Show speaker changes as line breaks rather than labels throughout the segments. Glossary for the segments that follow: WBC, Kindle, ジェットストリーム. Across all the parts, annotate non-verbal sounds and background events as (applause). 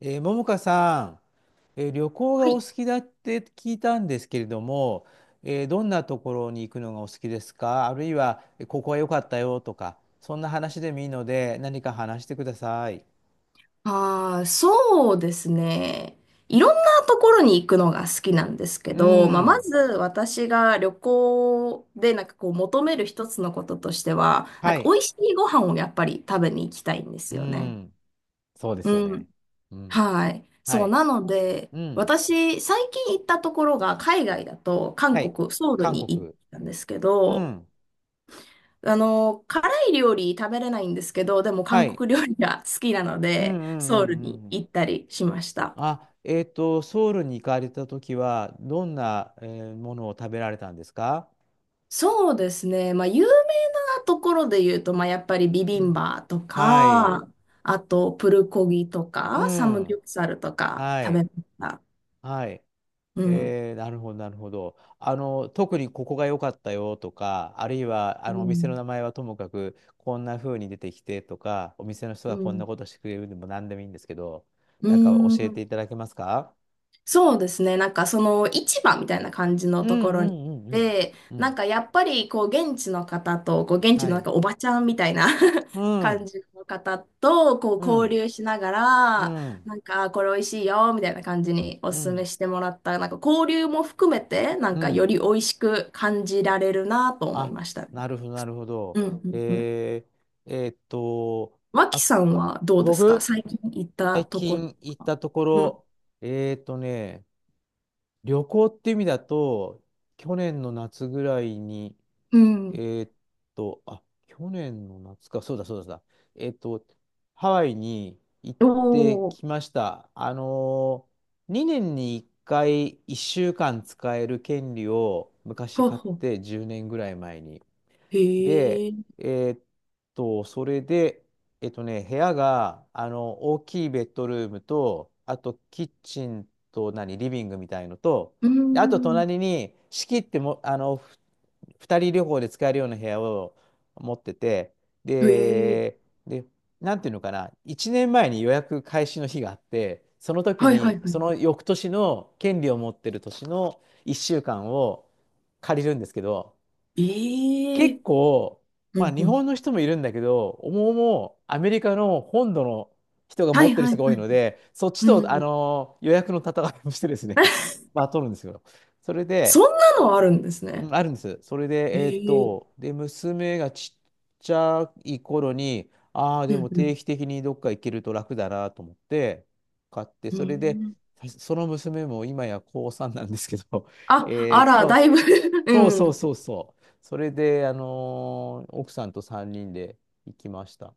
ももかさん、旅行が
は
お
い。
好きだって聞いたんですけれども、どんなところに行くのがお好きですか？あるいは、ここは良かったよとか、そんな話でもいいので、何か話してください。
ああ、そうですね。いろんなところに行くのが好きなんですけ
う
ど、まあ、ま
ん。
ず私が旅行でなんかこう求める一つのこととしては、なん
は
か美
い。
味しいご飯をやっぱり食べに行きたいんです
う
よね。
ん。そうですよ
う
ね。
ん。
うん。
はい。
は
そう、
い。
なので、
うん。
私、最近行ったところが海外だと
は
韓
い。
国、ソウル
韓
に行っ
国。
たんですけ
う
ど、
ん。
あの、辛い料理食べれないんですけど、でも
は
韓
い。
国料理が好きなの
うんう
で、
ん
ソ
う
ウルに
んうん。
行ったりしました。
あ、ソウルに行かれたときは、どんな、ものを食べられたんですか？
そうですね。まあ、有名なところで言うと、まあ、やっぱりビ
う
ビン
ん。
バと
はい。
か、あと、プルコギと
う
か、サムギ
ん。
ョプサルとか
は
食べ
い。
ました。
はい。
うん。
えー、なるほど、なるほど。あの、特にここが良かったよとか、あるいは、あ
う
の、お店の
ん。
名前はともかく、こんな風に出てきてとか、お店の人
う
がこんな
ん。
ことしてくれるでも何でもいいんですけど、
う
なんか教えて
ん。
いただけますか？
そうですね。なんかその市場みたいな感じの
うん
とこ
う
ろに行
ん
っ
うんうん。
て、
う
なん
ん。
かやっぱりこう現地の方と、こう現地
は
のなん
い。
かおばちゃんみたいな (laughs)
うん。
感じの方とこ
う
う交
ん。
流しなが
う
ら、
ん。
なんかこれ美味しいよみたいな感じにお
う
勧め
ん。
してもらった、なんか交流も含めて、なん
う
かよ
ん。
り美味しく感じられるなと思い
あ、
ましたね。
なるほど、なるほど。
うんうんうん。
えー、えーっと、
脇
あ、
さんはどうですか、
僕、
最近行った
最
ところと
近行っ
か。
たとこ
うん。
ろ、えーとね、旅行って意味だと、去年の夏ぐらいに、
う
え
ん。
ーと、あ、去年の夏か、そうだそうだそうだ、えーと、ハワイに行っ
お
て
ー。
きました。あのー、2年に1回1週間使える権利を昔
ほう
買っ
ほう。
て10年ぐらい前に。
へ
で、
え。
えーっそれで、えっとね、部屋が、あの、大きいベッドルームと、あと、キッチンと、何、リビングみたいのと、
うー
であと、
ん。
隣に、仕切っても、あの、二人旅行で使えるような部屋を持ってて、
へえ。
で、で、なんていうのかな、1年前に予約開始の日があって、その時
はいは
に、
いは
そ
い。
の翌年の権利を持ってる年の1週間を借りるんですけど、
え
結
え。
構、ま
う
あ
ん
日
うん。
本の人もいるんだけど、思うもアメリカの本土の人が
は
持っ
い
てる
はい
人が多
は
い
い。
ので、そっち
う
と、あ
ん。
の予約の戦いをしてですね、
(laughs)
(laughs) まあ取るんですよ。それ
そん
で、
なのあるんです
う
ね。
んあるんです。それ
へ
で、
え。
娘がちっちゃい頃に、ああ、
う
でも定
ん
期的にどっか行けると楽だなと思って、買って、
うん。
それで、
うん。
その娘も今や高3なんですけど、(laughs)
あ、あ
えっ
ら、だ
と、
いぶ (laughs)
そう
う
そう
ん。
そうそう。それで、あのー奥さんと3人で行きました。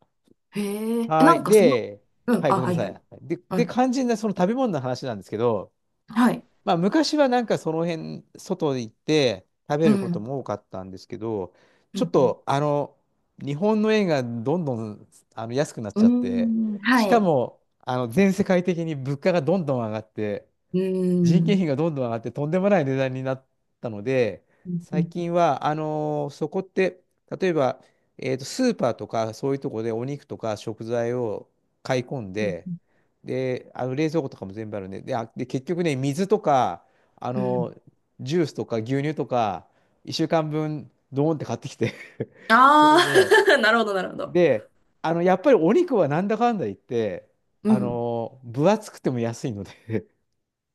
へえ。え、
は
な
い。
んかその、
で、
うん。
はい、
あ、
ごめん
は
な
い
さ
はい。
い。で、
は
で、
い。
肝心なその食べ物の話なんですけど、
はい。
まあ、昔はなんかその辺、外で行って食べ
う
ること
ん。
も多かったんですけど、
う
ちょっ
ん
と、あの、日本の円がどんどんあの安くなっ
う
ちゃって、
ん。うーん。は
しか
い。
も、あの、全世界的に物価がどんどん上がって、
うー
人件費
ん。
がどんどん上がってとんでもない値段になったので、
うんう
最
ん
近は、あのーそこって、例えば、スーパーとかそういうところでお肉とか食材を買い込ん
う
で、
ん
で、あの冷蔵庫とかも全部あるんで、で、あ、で、結局ね、水とか、あ
うん。
のージュースとか牛乳とか、1週間分、ドーンって買ってきて、 (laughs) そ
あ
れで、
あー (laughs) なるほどなるほど。
で、あの、やっぱりお肉はなんだかんだ言って、
う
あ
ん。
のー分厚くても安いので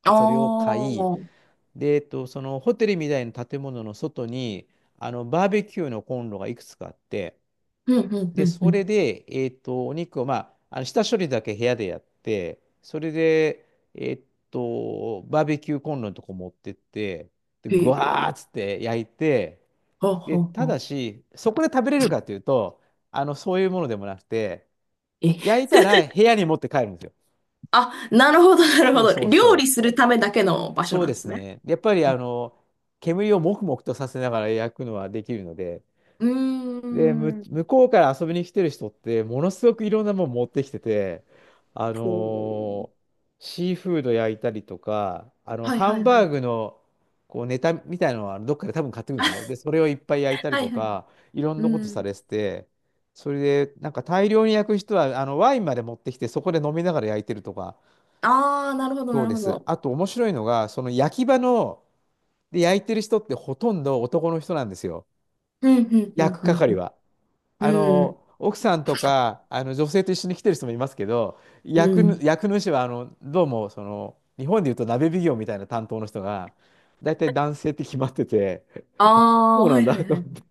あ
それを買い、
あ。うん
で、そのホテルみたいな建物の外に、あの、バーベキューのコンロがいくつかあって、
うんうん
で、
う
それ
ん。
で、お肉を、まあ、あの下処理だけ部屋でやって、それで、えっバーベキューコンロのとこ持ってって、で、
へ
ぐわ
え。
ーっつって焼いて、
ほう
で、
ほう
た
ほ
だ
う。
し、そこで食べれるかというと、あの、そういうものでもなくて、
え、
焼いたら部屋に持って帰るんですよ。
あ、なるほど、なる
そ
ほ
う
ど。
そう
料理
そう。
するためだけの場所
そう
なん
で
で
す
すね。
ね。やっぱり
う
あ
ん、
の、煙をもくもくとさせながら焼くのはできるので、
うー
で、向
ん。
こうから遊びに来てる人って、ものすごくいろんなもの持ってきてて、あ
ほう。
のーシーフード焼いたりとか、あの、
はい
ハ
は
ン
いは
バー
い。
グのこうネタみたいなのはどっかで多分買ってくるんですよね。で、
(laughs)
それをいっぱい焼いたり
は
と
いはい。
か、いろん
う
なことさ
ん。
れてて、それで、なんか大量に焼く人は、あの、ワインまで持ってきて、そこで飲みながら焼いてるとか、
ああ、なるほど、
そ
な
う
る
で
ほ
す。
ど。
あと面白いのが、その焼き場の、で、焼いてる人ってほとんど男の人なんですよ。
うん、うん、う
焼く係
ん、
は。
う
あ
ん。う
の、
ん、
奥さんとか、あの、女性と一緒に来てる人もいますけど、
うん。うん、
焼く主は、あの、どうも、その、日本でいうと鍋奉行みたいな担当の人が、大体男性って決まってて、
あ
(laughs) あ、
あ、
そうな
は
ん
い
だ
はい
と
は
思っ
い。
て。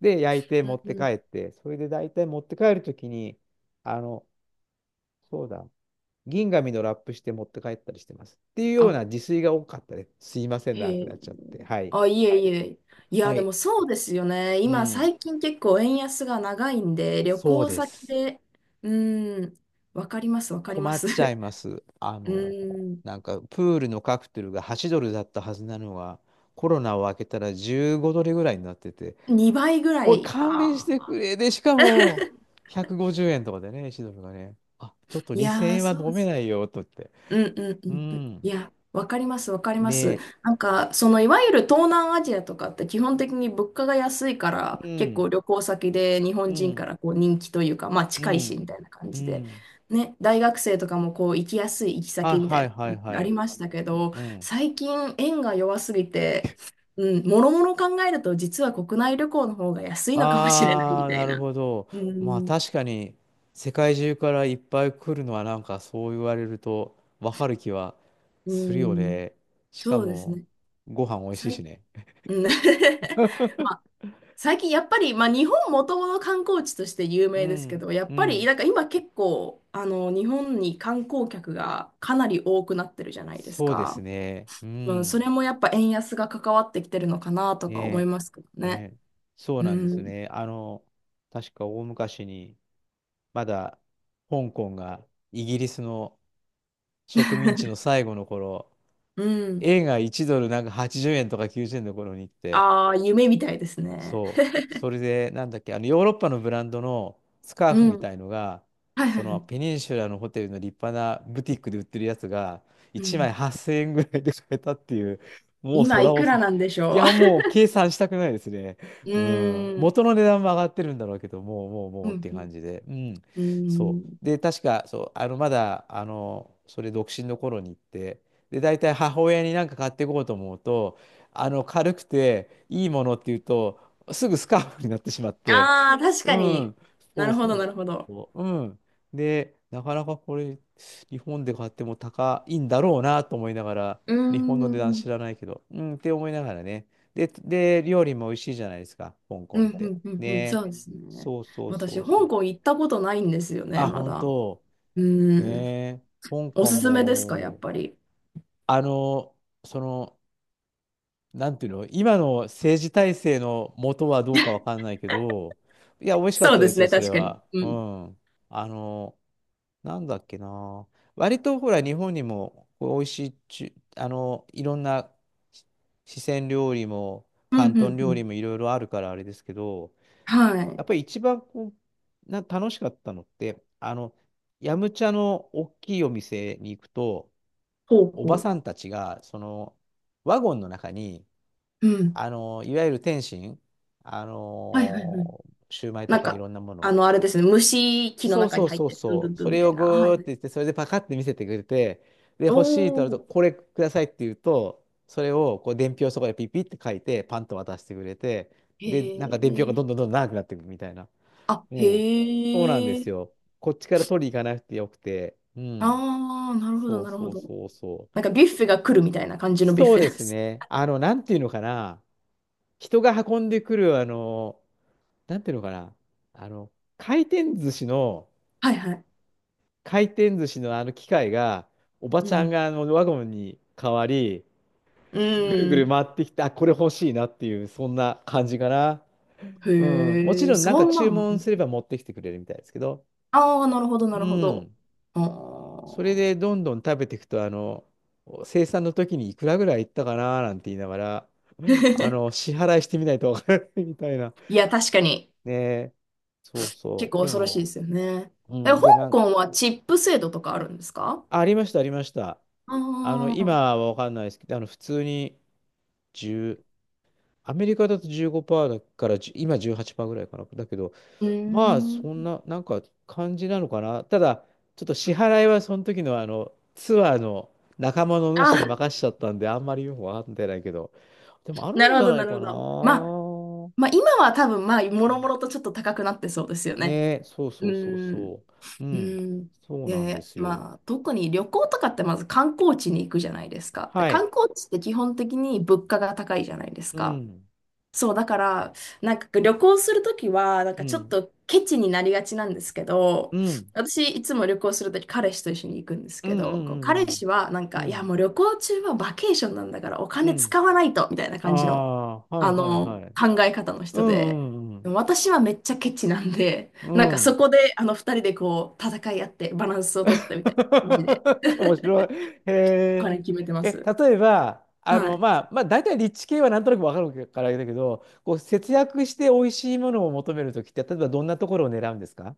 で、焼いて持っ
う
て帰
ん、
って、それで大体持って帰るときに、あの、そうだ、銀紙のラップして持って帰ったりしてます。っていうよう
あ、
な自炊が多かったです。すいません、長
へ
く
え。
なっちゃって。はい。
あ、いえいえ。い
は
や、で
い。
もそうですよね。
う
今、
ん。
最近結構円安が長いんで、旅
そう
行
で
先
す。
で、うん、わかります、わかりま
困っ
す。
ちゃ
(laughs)
います。あ
う
の、
ーん、
なんかプールのカクテルが8ドルだったはずなのが、コロナを明けたら15ドルぐらいになってて、
2倍ぐら
おい、
い、
勘弁し
あ
て
あ、
くれ。で、しかも、150円とかでね、1ドルがね、あ、ちょっと
い
2000
やー、
円は
そう
飲
で
め
す。
ないよ、と言って。
うんうんう
う
んうん。い
ん。
や、わかります、わかります。
ね
なんか、その、いわゆる東南アジアとかって基本的に物価が安いから、
え、う
結構
ん、
旅行先で日
う
本人か
ん、
らこう人気というか、まあ
う
近いし
ん、
みたいな感
う
じで、
ん。
ね、大学生とかもこう行きやすい行き
はい
先みたい
はいはい
な、
は
あり
い。
ましたけど、
うん。
最近円が弱すぎて、うん、もろもろ考えると実は国内旅行の方が安いのかもしれない
あ
み
あ、
た
な
い
る
な。
ほど。
う
まあ
ん、
確かに世界中からいっぱい来るのはなんかそう言われるとわかる気は
う
するよ
ん、
ね。しか
そうです
も
ね。
ご飯美味しい
最、
しね。
うん。 (laughs) まあ、最近やっぱり、まあ、日本もともと観光地として有
う
名ですけ
ん、
ど、やっ
う
ぱり
ん。
なんか今結構あの日本に観光客がかなり多くなってるじゃないです
そうです
か。
ね。う
うん、それ
ん。
もやっぱ円安が関わってきてるのかなとか思い
ね
ますけど
えね
ね。
えそう
う
なんです
ん、
ね。あの、確か大昔にまだ香港がイギリスの植民地の最後の頃、
うん。
円が1ドルなんか80円とか90円の頃に行って、
ああ、夢みたいですね。
そう。それで、なんだっけ、あの、ヨーロッパのブランドのスカーフ
う
み
ん。
たいのが、
はいは
そ
いは
の
い。
ペニンシュラのホテルの立派なブティックで売ってるやつが、
う
1枚
ん、
8000円ぐらいで買えたっていう、もう
今
空
いく
恐
ら
れ。
なんでし
い
ょ
や、もう計算したくないですね。
う。(laughs) う
うん。
ーん。
元の値段も上がってるんだろうけど、もう、もう、
う
もうっ
ん。
て感じで。うん。
う
そ
ん。うーん、
う。で、確か、そう、あの、まだ、あの、それ独身の頃に行って、で、大体母親になんか買っていこうと思うと、あの、軽くて、いいものっていうと、すぐスカーフになってしまって、
ああ、確
う
かに。
ん、
な
そう
るほど、
そう
なるほど。
そう、うん。で、なかなかこれ、日本で買っても高いんだろうなと思いながら、
うー
日本
ん。
の値段
う
知
ん、
らないけど、うん、って思いながらね。で、で、料理も美味しいじゃないですか、香港
うん、
って。
うん、うん。そ
ね。
うですね。
そうそうそ
私、
う
香
そう。
港行ったことないんですよね、
あ、
ま
本
だ。
当。
う
ね
ーん。
え。香
お
港
すすめですか、やっ
も、
ぱり。
あの、その、なんていうの、今の政治体制の元はどうかわかんないけど、いや、美味しかっ
そう
た
で
で
す
すよ、
ね、
それ
確かに。
は。
う
う
ん。
ん。あの、なんだっけな。割とほら、日本にもこう美味しいいろんなし四川料理も、
うん、う
広東
ん、う
料理
ん。
もいろいろあるからあれですけど、
は
やっ
い。
ぱり一番こう、楽しかったのって、ヤムチャの大きいお店に行くと、
ほう
おば
ほ
さんたちが、ワゴンの中に、
う。うん。
いわゆる点心、あ
はい、はい、はい。
の、シューマイ
な
と
ん
かい
か、
ろんなも
あ
の。
の、あれですね、虫木の
そう
中
そ
に
う
入っ
そう
てる、ドゥンドゥ
そ
ン
う。
ドゥ
そ
ンみ
れ
た
を
い
ぐ
な。は
ーって
い。
言って、それでパカって見せてくれて、で、
お
欲しいとなると、
お。
これくださいって言うと、それをこう伝票をそこでピピって書いて、パンと渡してくれて、
へ
で、なんか伝票がど
え。
んどんどんどん長くなっていくみたいな。
あ、
うん。そうなんで
へえ。
すよ。こっちから取りに行かなくてよくて。うん。
ああ、なるほど、
そう
なるほ
そう
ど。
そうそう。
なんかビュッフェが来るみたいな感じのビュッ
そう
フ
で
ェで
す
す。
ね。なんていうのかな。人が運んでくる、なんていうのかな、あの、回転寿司の、
はいはい。
回転寿司のあの機械が、おば
う
ちゃん
ん。
があのワゴンに変わり、
う
ぐるぐる
ん。
回ってきて、あ、これ欲しいなっていう、そんな感じかな。うん。もち
へえ、
ろんなん
そ
か
んな
注
ん。
文すれば持ってきてくれるみたいですけど、
ああ、なるほど、
う
なるほど。
ん。
あ
それ
ー。
でどんどん食べていくと、生産の時にいくらぐらいいったかななんて言いながら、
(laughs)
支払いしてみないとわからないみたいな。
いや、確かに、
ねえ。そうそ
結
う。
構
で
恐ろしいで
も、
すよね。
う
え、香
ん。で、
港はチップ制度とかあるんですか。
ありました、ありました。
あ
今
あ
はわかんないですけど、普通に10、アメリカだと15%だから10、じゅう、今18%ぐらいかな。だけど、
ー、う
まあ、そ
ー
ん
ん。
な、なんか感じなのかな。ただ、ちょっと支払いはその時のツアーの仲間の主に
あ、
任しちゃったんで、あんまりよくわかってないけど、でもあ
な
るん
る
じ
ほ
ゃ
ど、
な
な
い
る
か
ほ
な。
ど。まあ、まあ、今は多分、まあ、もろもろとちょっと高くなってそうですよね。
ねえ、そう
う
そうそう
ーん。
そう。う
う
ん、
ん。
そうなんで
で、
すよ。
まあ、特に旅行とかってまず観光地に行くじゃないですか。で、
はい。
観光地って基本的に物価が高いじゃないです
う
か。
ん、
そう、だから、なんか旅行するときは、なん
う
かちょっ
ん、
とケチになりがちなんですけ
う
ど、
ん。
私いつも旅行するとき彼氏と一緒に行くんです
う
け
んう
ど、こう彼
ん
氏はなん
うんう
か、
ん。う
いや
ん。
もう旅行中はバケーションなんだからお
う
金
ん。
使わないと、みたいな
あ
感じの、
あ、はい
あ
はい
の、
はい。
考え方の
う
人で、
んう
で
ん
も私はめっちゃケチなんで、
う
なん
ん。
か
う
そ
ん。
こであの二人でこう戦い合ってバランスを取ってみたいな感じで、
(laughs) 面
(laughs)
白い。へ
お
え。
金決めてま
え、
す。
例えば、
はい。
まあ、まあ、大体立地系はなんとなくわかるからあれだけど、こう、節約して美味しいものを求めるときって、例えばどんなところを狙うんですか？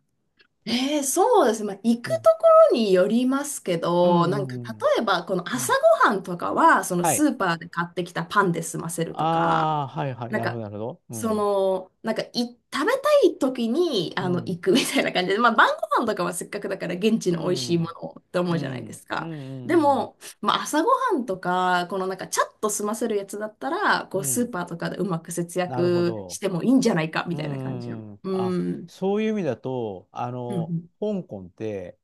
そうですね。まあ、行く
う
と
ん。
ころによりますけ
うん
ど、な
う
んか
んうん
例えばこの
う
朝
ん。
ごはんとかは、その
はい。
スーパーで買ってきたパンで済ませるとか、
ああ、はいはい。
なん
なるほ
か、
ど、なるほど。う
そ
ん。
の、なんかい、食べたい時に
う
あの行
ん。
くみたいな感じで、まあ晩ご飯とかはせっかくだから現地
う
の美味しいも
ん。
のをって思
う
うじゃないで
ん。
す
うん。う
か。で
ん。
も、まあ朝ごはんとか、このなんかチャッと済ませるやつだったら、
う
こ
ん。
う
う
スー
ん。
パーとかでうまく節
なるほ
約し
ど。
てもいいんじゃないかみ
うんう
たいな感じの。
んうん。
う
あ、
ん。
そういう意味だと、
うんうん。
香港って、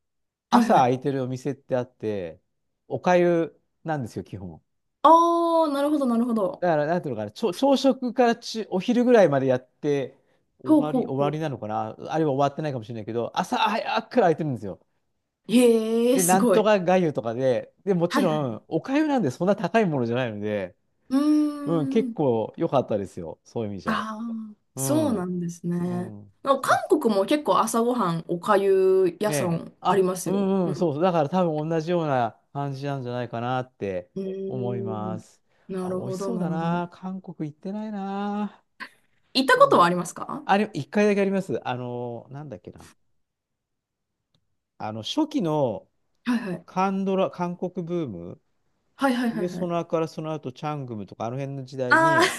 はい
朝
は
空
い。
いてるお店ってあって、お粥なんですよ、基本。
ああ、なるほど、なるほど。
だから、なんていうのかな、朝食からお昼ぐらいまでやって、
ほうほ
終
うほ
わ
う。
りなのかな、あるいは終わってないかもしれないけど、朝早くから空いてるんですよ。
へえ、
で、
す
なん
ご
と
い。
か粥とかで、で、もち
はいは
ろ
い。
ん、お粥なんでそんな高いものじゃないので、
うー
うん、結
ん。
構良かったですよ、そういう意味じゃ。
ああ、
う
そう
ん、
なんです
う
ね。
ん。
なんか
そう、
韓国も結構朝ごはん、おかゆ
ね
屋さ
え。
んあり
あ、
ます
う
よ。
んう
う
ん、そ
ん。
うそう。だから多分同じような感じなんじゃないかなって
う
思い
ー
ま
ん。
す。
な
あ、
る
美味し
ほど、
そう
な
だ
るほど。
な。韓国行ってないな。
行ったこ
こ
と
ん
はありますか。
あれ、一回だけあります。なんだっけな。初期の
はいはい。
韓ドラ、韓国ブーム、
はいはいはい
冬
は
ソ
い。
ナからその後、チャングムとか、あの辺の時代
ああ、
に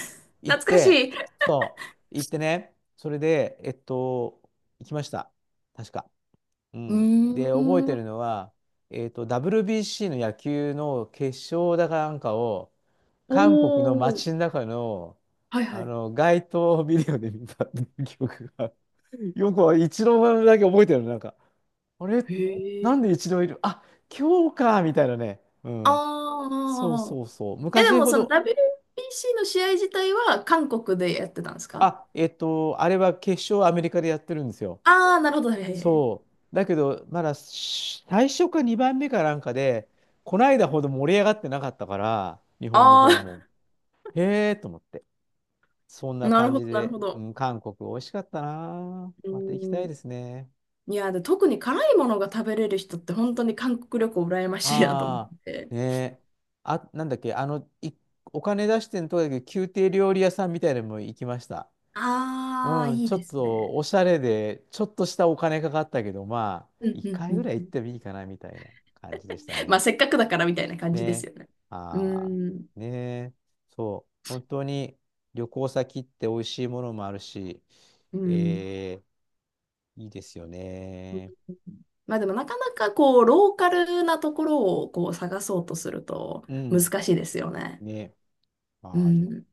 (laughs)
行っ
懐かし
て、
い。
そ行ってね、それで、行きました。確か。う
う
ん。
ー
で、覚えて
ん。
るのは、WBC の野球の決勝だかなんかを、
お
韓国の街の
ー。
中の、
はいはい。
街頭ビデオで見たっていう記憶が、(laughs) よく一郎だけ覚えてるの、なんか、あれ、
へ
な
え。
んで一郎いるあ、今日か、みたいなね。うん。
あ
そう
あ。
そうそう。
え、で
昔
も
ほ
その
ど、
WBC の試合自体は韓国でやってたんですか。
あ、あれは決勝アメリカでやってるんですよ。
ああー、なるほど。はいはいはい。
そう。だけど、まだし最初か2番目かなんかで、こないだほど盛り上がってなかったから、日本の方
あ
も。へえと思って。そん
あ、
な
なる
感
ほ
じ
ど、なる
で、
ほ
う
ど。
ん、韓国美味しかったな。
う
また行き
ー
たい
ん。
ですね。
いや、で、特に辛いものが食べれる人って本当に韓国旅行羨ましいなと思っ
あ
て。
あ、ねえ。あ、なんだっけ、お金出してんとこだけど、宮廷料理屋さんみたいなのも行きました。
ああ、
うん、
いい
ちょ
で
っ
す
と
ね。
おしゃれで、ちょっとしたお金かかったけど、まあ、
うん
1
うんう
回ぐ
ん
らい
う
行っ
ん。
てもいいかなみたいな感じでした
まあ、
ね。
せっかくだからみたいな感じです
ね。
よね。う
ああ、
ーん。
ねえ。そう。本当に旅行先って美味しいものもあるし、
うん。
えーいいですよね。
まあでもなかなかこう、ローカルなところをこう探そうとすると
うん。
難しいですよね。
ね。
う
はい。
ん。